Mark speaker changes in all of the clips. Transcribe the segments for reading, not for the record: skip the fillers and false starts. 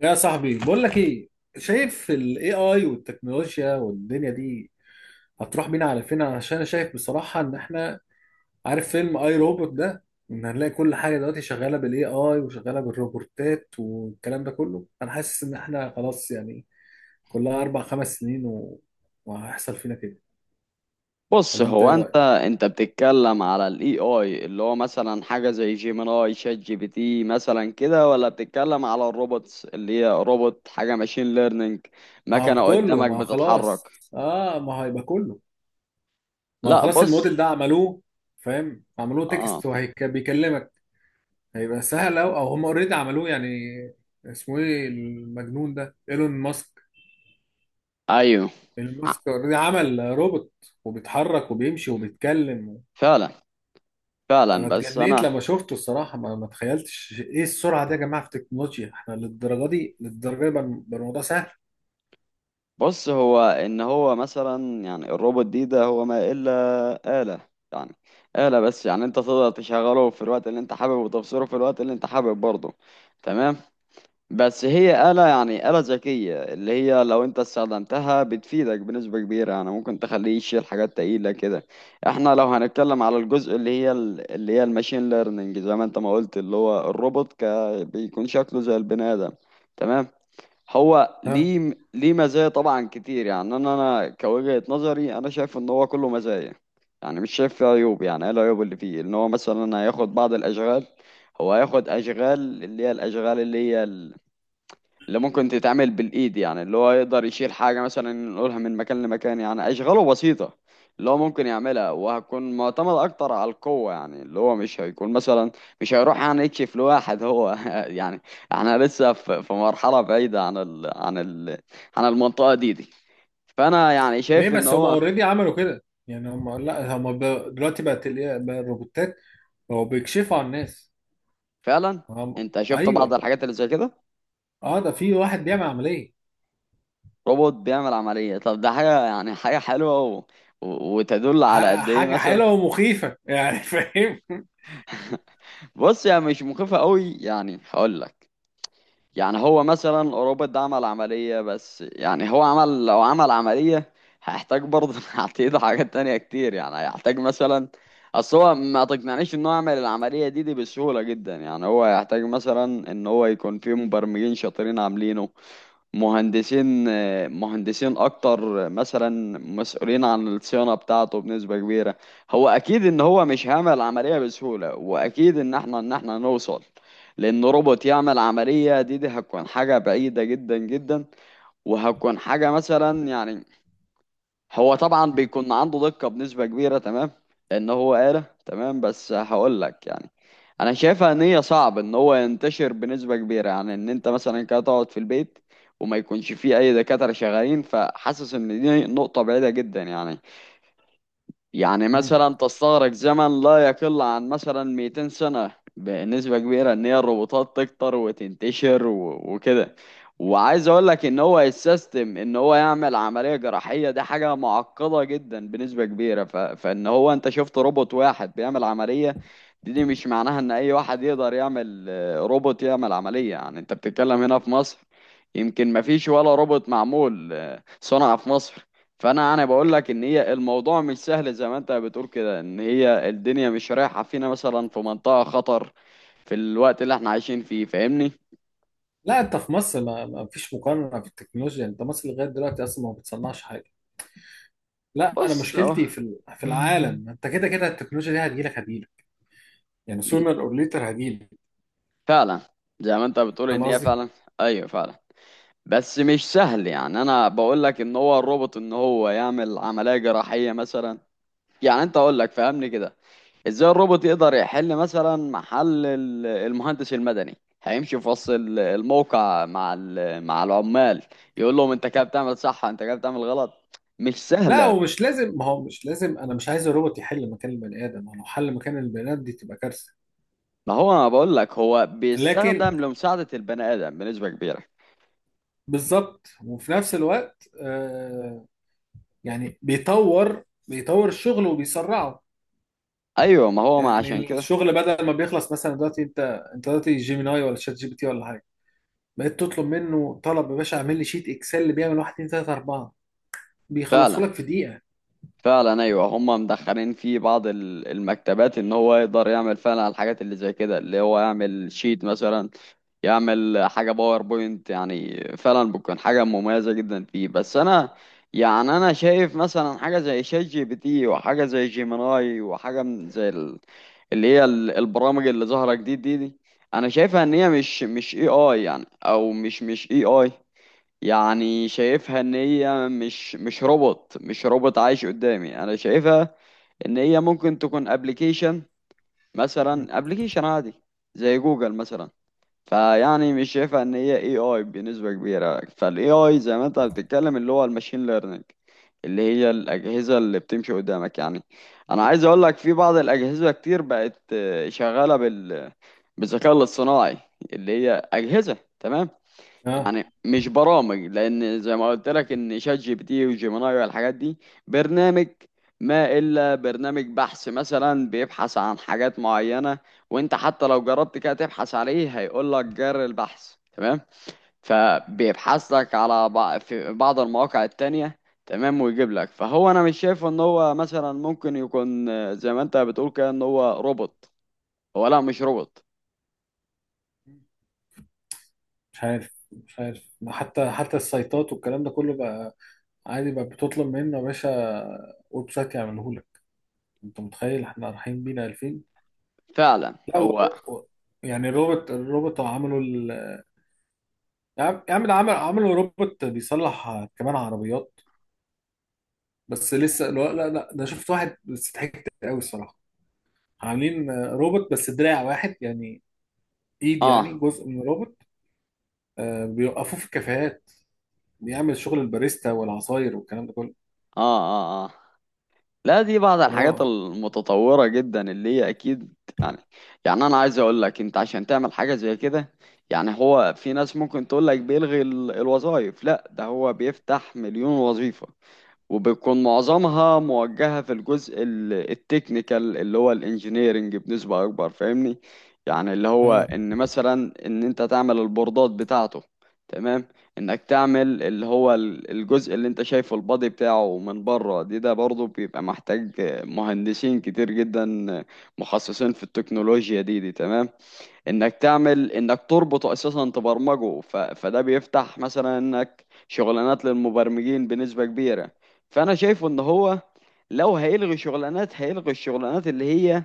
Speaker 1: يا صاحبي، بقول لك ايه. شايف الاي اي والتكنولوجيا والدنيا دي هتروح بينا على فين؟ عشان انا شايف بصراحة ان احنا، عارف فيلم اي روبوت ده، ان هنلاقي كل حاجة دلوقتي شغالة بالاي اي وشغالة بالروبوتات والكلام ده كله. انا حاسس ان احنا خلاص يعني، كلها اربع خمس سنين وهيحصل فينا كده.
Speaker 2: بص،
Speaker 1: ولا انت
Speaker 2: هو
Speaker 1: ايه
Speaker 2: انت
Speaker 1: رأيك؟
Speaker 2: بتتكلم على الاي اي اللي هو مثلا حاجه زي جيميناي شات جي بي تي مثلا كده، ولا بتتكلم على الروبوتس اللي هي روبوت حاجه ماشين ليرنينج مكنه قدامك
Speaker 1: ما هو
Speaker 2: بتتحرك؟
Speaker 1: خلاص اه، ما هيبقى كله. ما هو
Speaker 2: لا
Speaker 1: خلاص
Speaker 2: بص،
Speaker 1: الموديل ده عملوه. فاهم؟ عملوه
Speaker 2: اه،
Speaker 1: تكست وهيكلمك. هيبقى سهل أوي، أو هم أوريدي عملوه يعني. اسمه إيه المجنون ده؟ إيلون ماسك.
Speaker 2: ايوه،
Speaker 1: إيلون
Speaker 2: ع-
Speaker 1: ماسك أوريدي عمل روبوت، وبيتحرك وبيمشي وبيتكلم.
Speaker 2: فعلا.
Speaker 1: أنا
Speaker 2: فعلا بس
Speaker 1: اتجنيت
Speaker 2: انا
Speaker 1: لما شفته الصراحة، ما تخيلتش إيه السرعة دي يا جماعة في التكنولوجيا. إحنا للدرجة دي، للدرجة دي بقى الموضوع سهل.
Speaker 2: بص، هو ان هو مثلا يعني الروبوت ده هو ما الا آلة. يعني آلة بس، يعني انت تقدر تشغله في الوقت اللي انت حابب وتبصره في الوقت اللي انت حابب برضه. تمام. بس هي آلة، يعني آلة ذكية اللي هي لو انت استخدمتها بتفيدك بنسبة كبيرة، يعني ممكن تخليه يشيل حاجات تقيلة كده. احنا لو هنتكلم على الجزء اللي هي اللي هي الماشين ليرنينج زي ما انت ما قلت اللي هو الروبوت بيكون شكله زي البني آدم. تمام. هو
Speaker 1: ها.
Speaker 2: ليه، ليه مزايا طبعا كتير، يعني انا كوجهة نظري انا شايف ان هو كله مزايا. يعني مش شايف فيه عيوب. يعني ايه العيوب اللي فيه؟ ان هو مثلا هياخد بعض الاشغال. هو هياخد اشغال اللي هي الاشغال اللي هي اللي ممكن تتعمل بالايد، يعني اللي هو يقدر يشيل حاجه مثلا نقولها من مكان لمكان، يعني اشغاله بسيطه اللي هو ممكن يعملها، وهتكون معتمد اكتر على القوه، يعني اللي هو مش هيكون مثلا مش هيروح يعني يكشف لواحد هو يعني احنا لسه في مرحله بعيده عن ال عن ال عن المنطقه دي. فانا يعني
Speaker 1: ليه
Speaker 2: شايف ان
Speaker 1: بس؟ هم
Speaker 2: هو
Speaker 1: أوريدي عملوا كده يعني. هم لا، دلوقتي بقى الروبوتات بقوا بيكشفوا عن الناس.
Speaker 2: فعلا.
Speaker 1: هم.
Speaker 2: انت شفت بعض
Speaker 1: أيوه.
Speaker 2: الحاجات اللي زي كده؟
Speaker 1: أه، ده في واحد بيعمل عملية.
Speaker 2: روبوت بيعمل عمليه. طب ده حاجه، يعني حاجه حلوه و... وتدل على قد ايه
Speaker 1: حاجة
Speaker 2: مثلا.
Speaker 1: حلوة ومخيفة يعني فاهم؟
Speaker 2: بص، يعني مش مخيفة قوي، يعني هقول لك. يعني هو مثلا روبوت ده عمل عملية، بس يعني هو عمل، لو عمل عملية هيحتاج برضه هتعيد حاجات تانية كتير، يعني هيحتاج مثلا اصل هو ما تقنعنيش ان هو يعمل العملية دي بسهولة جدا، يعني هو هيحتاج مثلا ان هو يكون فيه مبرمجين شاطرين عاملينه. مهندسين، اكتر مثلا مسؤولين عن الصيانه بتاعته بنسبه كبيره. هو اكيد ان هو مش هيعمل العمليه بسهوله، واكيد ان احنا نوصل، لان روبوت يعمل عمليه دي هتكون حاجه بعيده جدا جدا. وهتكون حاجه مثلا، يعني هو طبعا بيكون عنده دقة بنسبة كبيرة. تمام. لأن هو آلة. تمام. بس هقول لك، يعني أنا شايفها إن هي صعب إن هو ينتشر بنسبة كبيرة، يعني إن أنت مثلا كده تقعد في البيت وما يكونش فيه أي دكاترة شغالين. فحاسس إن دي نقطة بعيدة جدا، يعني يعني
Speaker 1: مم.
Speaker 2: مثلا تستغرق زمن لا يقل عن مثلا 200 سنة بنسبة كبيرة ان هي الروبوتات تكتر وتنتشر وكده. وعايز اقول لك ان هو السيستم ان هو يعمل عملية جراحية دي حاجة معقدة جدا بنسبة كبيرة، ف... فان هو انت شفت روبوت واحد بيعمل عملية، دي, دي مش معناها ان اي واحد يقدر يعمل آه، روبوت يعمل عملية. يعني انت بتتكلم هنا في مصر، يمكن مفيش ولا روبوت معمول آه، صنع في مصر. فانا بقول لك ان هي الموضوع مش سهل زي ما انت بتقول كده ان هي الدنيا مش رايحه فينا مثلا في منطقه خطر في الوقت اللي احنا عايشين فيه. فاهمني؟
Speaker 1: لا، انت في مصر ما فيش مقارنة في التكنولوجيا. انت مصر لغاية دلوقتي اصلا ما بتصنعش حاجة. لا، انا
Speaker 2: بص اهو.
Speaker 1: مشكلتي في العالم. انت كده كده التكنولوجيا دي هتجيلك. يعني sooner or later هتجيلك.
Speaker 2: فعلا، زي ما انت بتقول
Speaker 1: فاهم
Speaker 2: ان هي
Speaker 1: قصدي؟
Speaker 2: فعلا. ايوه فعلا. بس مش سهل، يعني انا بقول لك ان هو الروبوت ان هو يعمل عمليه جراحيه مثلا، يعني انت اقول لك فهمني كده. ازاي الروبوت يقدر يحل مثلا محل المهندس المدني؟ هيمشي في وسط الموقع مع مع العمال يقول لهم انت كده بتعمل صح، انت كده بتعمل غلط. مش
Speaker 1: لا،
Speaker 2: سهلة.
Speaker 1: ومش لازم. ما هو مش لازم، انا مش عايز الروبوت يحل مكان البني ادم. هو لو حل مكان البني ادم دي تبقى كارثة.
Speaker 2: ما هو انا بقول لك هو
Speaker 1: لكن،
Speaker 2: بيستخدم لمساعدة البني ادم بنسبة كبيرة.
Speaker 1: بالظبط. وفي نفس الوقت آه، يعني بيطور الشغل وبيسرعه.
Speaker 2: ايوه ما هو ما عشان
Speaker 1: يعني
Speaker 2: كده.
Speaker 1: الشغل بدل ما بيخلص مثلا دلوقتي، انت دلوقتي جيميناي ولا شات جي بي تي ولا حاجه، بقيت تطلب منه طلب يا باشا اعمل لي شيت اكسل اللي بيعمل 1 2 3 4،
Speaker 2: فعلا.
Speaker 1: بيخلصه لك في دقيقه.
Speaker 2: فعلا ايوه، هم مدخلين في بعض المكتبات ان هو يقدر يعمل فعلا الحاجات اللي زي كده، اللي هو يعمل شيت مثلا، يعمل حاجه باوربوينت. يعني فعلا بتكون حاجه مميزه جدا فيه. بس انا يعني انا شايف مثلا حاجه زي شات جي بي تي وحاجه زي جيميناي وحاجه من زي اللي هي البرامج اللي ظاهره جديد دي، انا شايفها ان هي مش اي اي، يعني او مش اي اي. يعني شايفها ان هي مش روبوت، مش روبوت عايش قدامي. انا شايفها ان هي ممكن تكون ابلكيشن، مثلا ابلكيشن عادي زي جوجل مثلا. فيعني مش شايفها ان هي اي اي بنسبة كبيرة. فالاي اي زي ما انت بتتكلم اللي هو الماشين ليرنينج اللي هي الاجهزة اللي بتمشي قدامك، يعني انا عايز اقول لك في بعض الاجهزة كتير بقت آه، شغالة بال بالذكاء الاصطناعي، اللي هي اجهزة. تمام.
Speaker 1: اه.
Speaker 2: يعني مش برامج، لان زي ما قلت لك ان شات جي بي تي وجيميناي والحاجات دي برنامج. ما الا برنامج بحث مثلا بيبحث عن حاجات معينه. وانت حتى لو جربت كده تبحث عليه هيقول لك جر البحث. تمام. فبيبحث لك على في بعض المواقع التانية. تمام. ويجيب لك. فهو انا مش شايف ان هو مثلا ممكن يكون آه، زي ما انت بتقول كده ان هو روبوت. هو لا، مش روبوت.
Speaker 1: مش عارف مش عارف. ما حتى السايتات والكلام ده كله بقى عادي بقى، بتطلب منه يا باشا ويب سايت يعمله لك. انت متخيل احنا رايحين بينا 2000؟
Speaker 2: فعلا
Speaker 1: لا،
Speaker 2: هو.
Speaker 1: و- يعني يا عم يا عم، ده عمل، عملوا روبوت بيصلح كمان عربيات. بس لسه، لا لا لا، ده شفت واحد بس ضحكت قوي الصراحه. عاملين آه، روبوت بس دراع واحد يعني، ايد يعني
Speaker 2: اه
Speaker 1: جزء من روبوت. آه، بيوقفوه في الكافيهات، بيعمل شغل الباريستا والعصاير والكلام ده كله.
Speaker 2: اه اه. اه لا، دي بعض الحاجات
Speaker 1: اه
Speaker 2: المتطورة جدا اللي هي أكيد. يعني يعني أنا عايز أقول لك أنت عشان تعمل حاجة زي كده، يعني هو في ناس ممكن تقول لك بيلغي الوظائف. لا، ده هو بيفتح مليون وظيفة، وبتكون معظمها موجهة في الجزء التكنيكال اللي هو الانجينيرنج بنسبة أكبر. فاهمني؟ يعني اللي هو
Speaker 1: اه.
Speaker 2: إن مثلا إن أنت تعمل البوردات بتاعته. تمام. إنك تعمل اللي هو الجزء اللي أنت شايفه البادي بتاعه من بره ده برضه بيبقى محتاج مهندسين كتير جدا مخصصين في التكنولوجيا دي. تمام. انك تعمل، انك تربطه اساسا تبرمجه ف... فده بيفتح مثلا انك شغلانات للمبرمجين بنسبة كبيرة. فانا شايفه ان هو لو هيلغي شغلانات، هيلغي الشغلانات اللي هي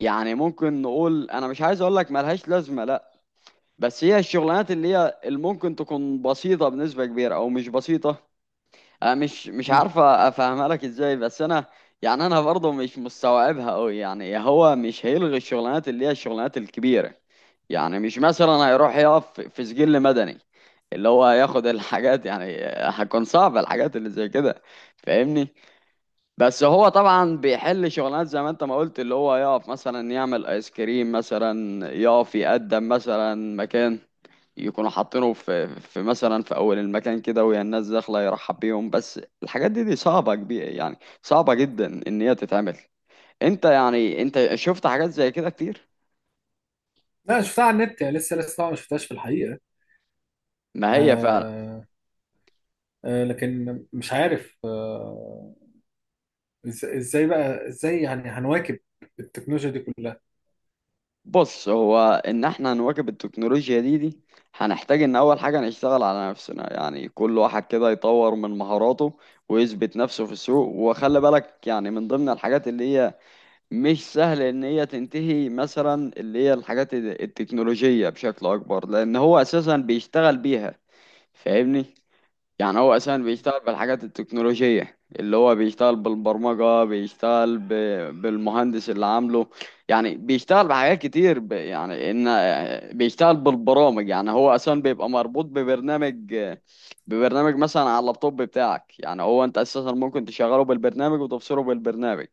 Speaker 2: يعني ممكن نقول، انا مش عايز اقول لك ملهاش لازمة لا، بس هي الشغلانات اللي هي اللي ممكن تكون بسيطة بنسبة كبيرة او مش بسيطة. أنا مش
Speaker 1: مم.
Speaker 2: عارفة أفهمها لك إزاي، بس أنا يعني أنا برضه مش مستوعبها أوي. يعني هو مش هيلغي الشغلانات اللي هي الشغلانات الكبيرة. يعني مش مثلا هيروح يقف في سجل مدني اللي هو ياخد الحاجات. يعني هتكون صعبة الحاجات اللي زي كده. فاهمني؟ بس هو طبعا بيحل شغلانات زي ما انت ما قلت اللي هو يقف مثلا يعمل ايس كريم مثلا، يقف يقدم مثلا مكان، يكونوا حاطينه في مثلا في اول المكان كده وهي الناس داخله يرحب بيهم. بس الحاجات دي صعبه كبيره، يعني صعبه جدا ان هي تتعمل. انت يعني انت شفت حاجات زي كده كتير؟
Speaker 1: لا، شفتها على النت يعني. لسه لسه طبعاً ما شفتهاش في الحقيقه.
Speaker 2: ما هي فعلا.
Speaker 1: آه. آه لكن مش عارف آه. ازاي بقى ازاي يعني هنواكب التكنولوجيا دي كلها؟
Speaker 2: بص، هو ان احنا نواكب التكنولوجيا دي هنحتاج ان اول حاجه نشتغل على نفسنا، يعني كل واحد كده يطور من مهاراته ويثبت نفسه في السوق. وخلي بالك، يعني من ضمن الحاجات اللي هي مش سهل ان هي تنتهي مثلا اللي هي الحاجات التكنولوجية بشكل اكبر، لان هو اساسا بيشتغل بيها. فاهمني؟ يعني هو اساسا
Speaker 1: مم.
Speaker 2: بيشتغل بالحاجات التكنولوجية، اللي هو بيشتغل بالبرمجة، بيشتغل ب... بالمهندس اللي عامله. يعني بيشتغل بحاجات كتير ب... يعني ان بيشتغل بالبرامج. يعني هو اساسا بيبقى مربوط ببرنامج، ببرنامج مثلا على اللابتوب بتاعك. يعني هو انت اساسا ممكن تشغله بالبرنامج وتبصره بالبرنامج.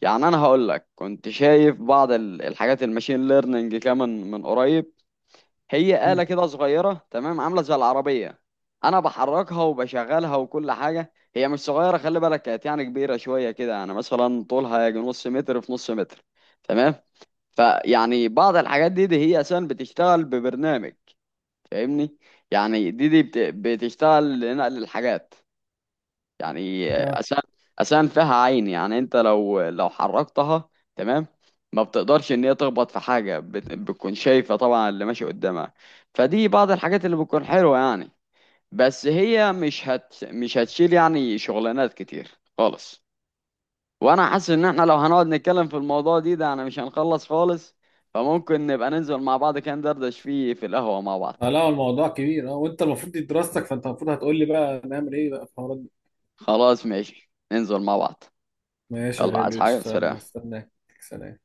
Speaker 2: يعني انا هقول لك كنت شايف بعض الحاجات الماشين ليرنينج كمان من قريب. هي آلة
Speaker 1: مم.
Speaker 2: كده صغيرة، تمام، عاملة زي العربية، أنا بحركها وبشغلها وكل حاجة. هي مش صغيرة، خلي بالك، كانت يعني كبيرة شوية كده، يعني مثلا طولها يجي نص متر في نص متر. تمام. فيعني بعض الحاجات دي هي أساسا بتشتغل ببرنامج. فاهمني؟ يعني دي بتشتغل لنقل الحاجات. يعني
Speaker 1: اه.
Speaker 2: اسنان، اسنان فيها عين. يعني انت لو حركتها، تمام، ما بتقدرش ان هي تخبط في حاجه، بتكون شايفه طبعا اللي ماشي قدامها. فدي بعض الحاجات اللي بتكون حلوه، يعني بس هي مش هتشيل يعني شغلانات كتير خالص. وانا حاسس ان احنا لو هنقعد نتكلم في الموضوع ده انا مش هنخلص خالص. فممكن نبقى ننزل مع بعض كده ندردش فيه في القهوه مع بعض.
Speaker 1: آه، لا الموضوع كبير اه. وانت المفروض دي دراستك، فانت المفروض هتقول لي بقى نعمل ايه بقى في الحوارات دي.
Speaker 2: خلاص ماشي، ننزل مع بعض.
Speaker 1: ماشي يا
Speaker 2: يلا، عايز
Speaker 1: غالي،
Speaker 2: حاجه؟
Speaker 1: اشتغل،
Speaker 2: سلام.
Speaker 1: هستناك. سلام.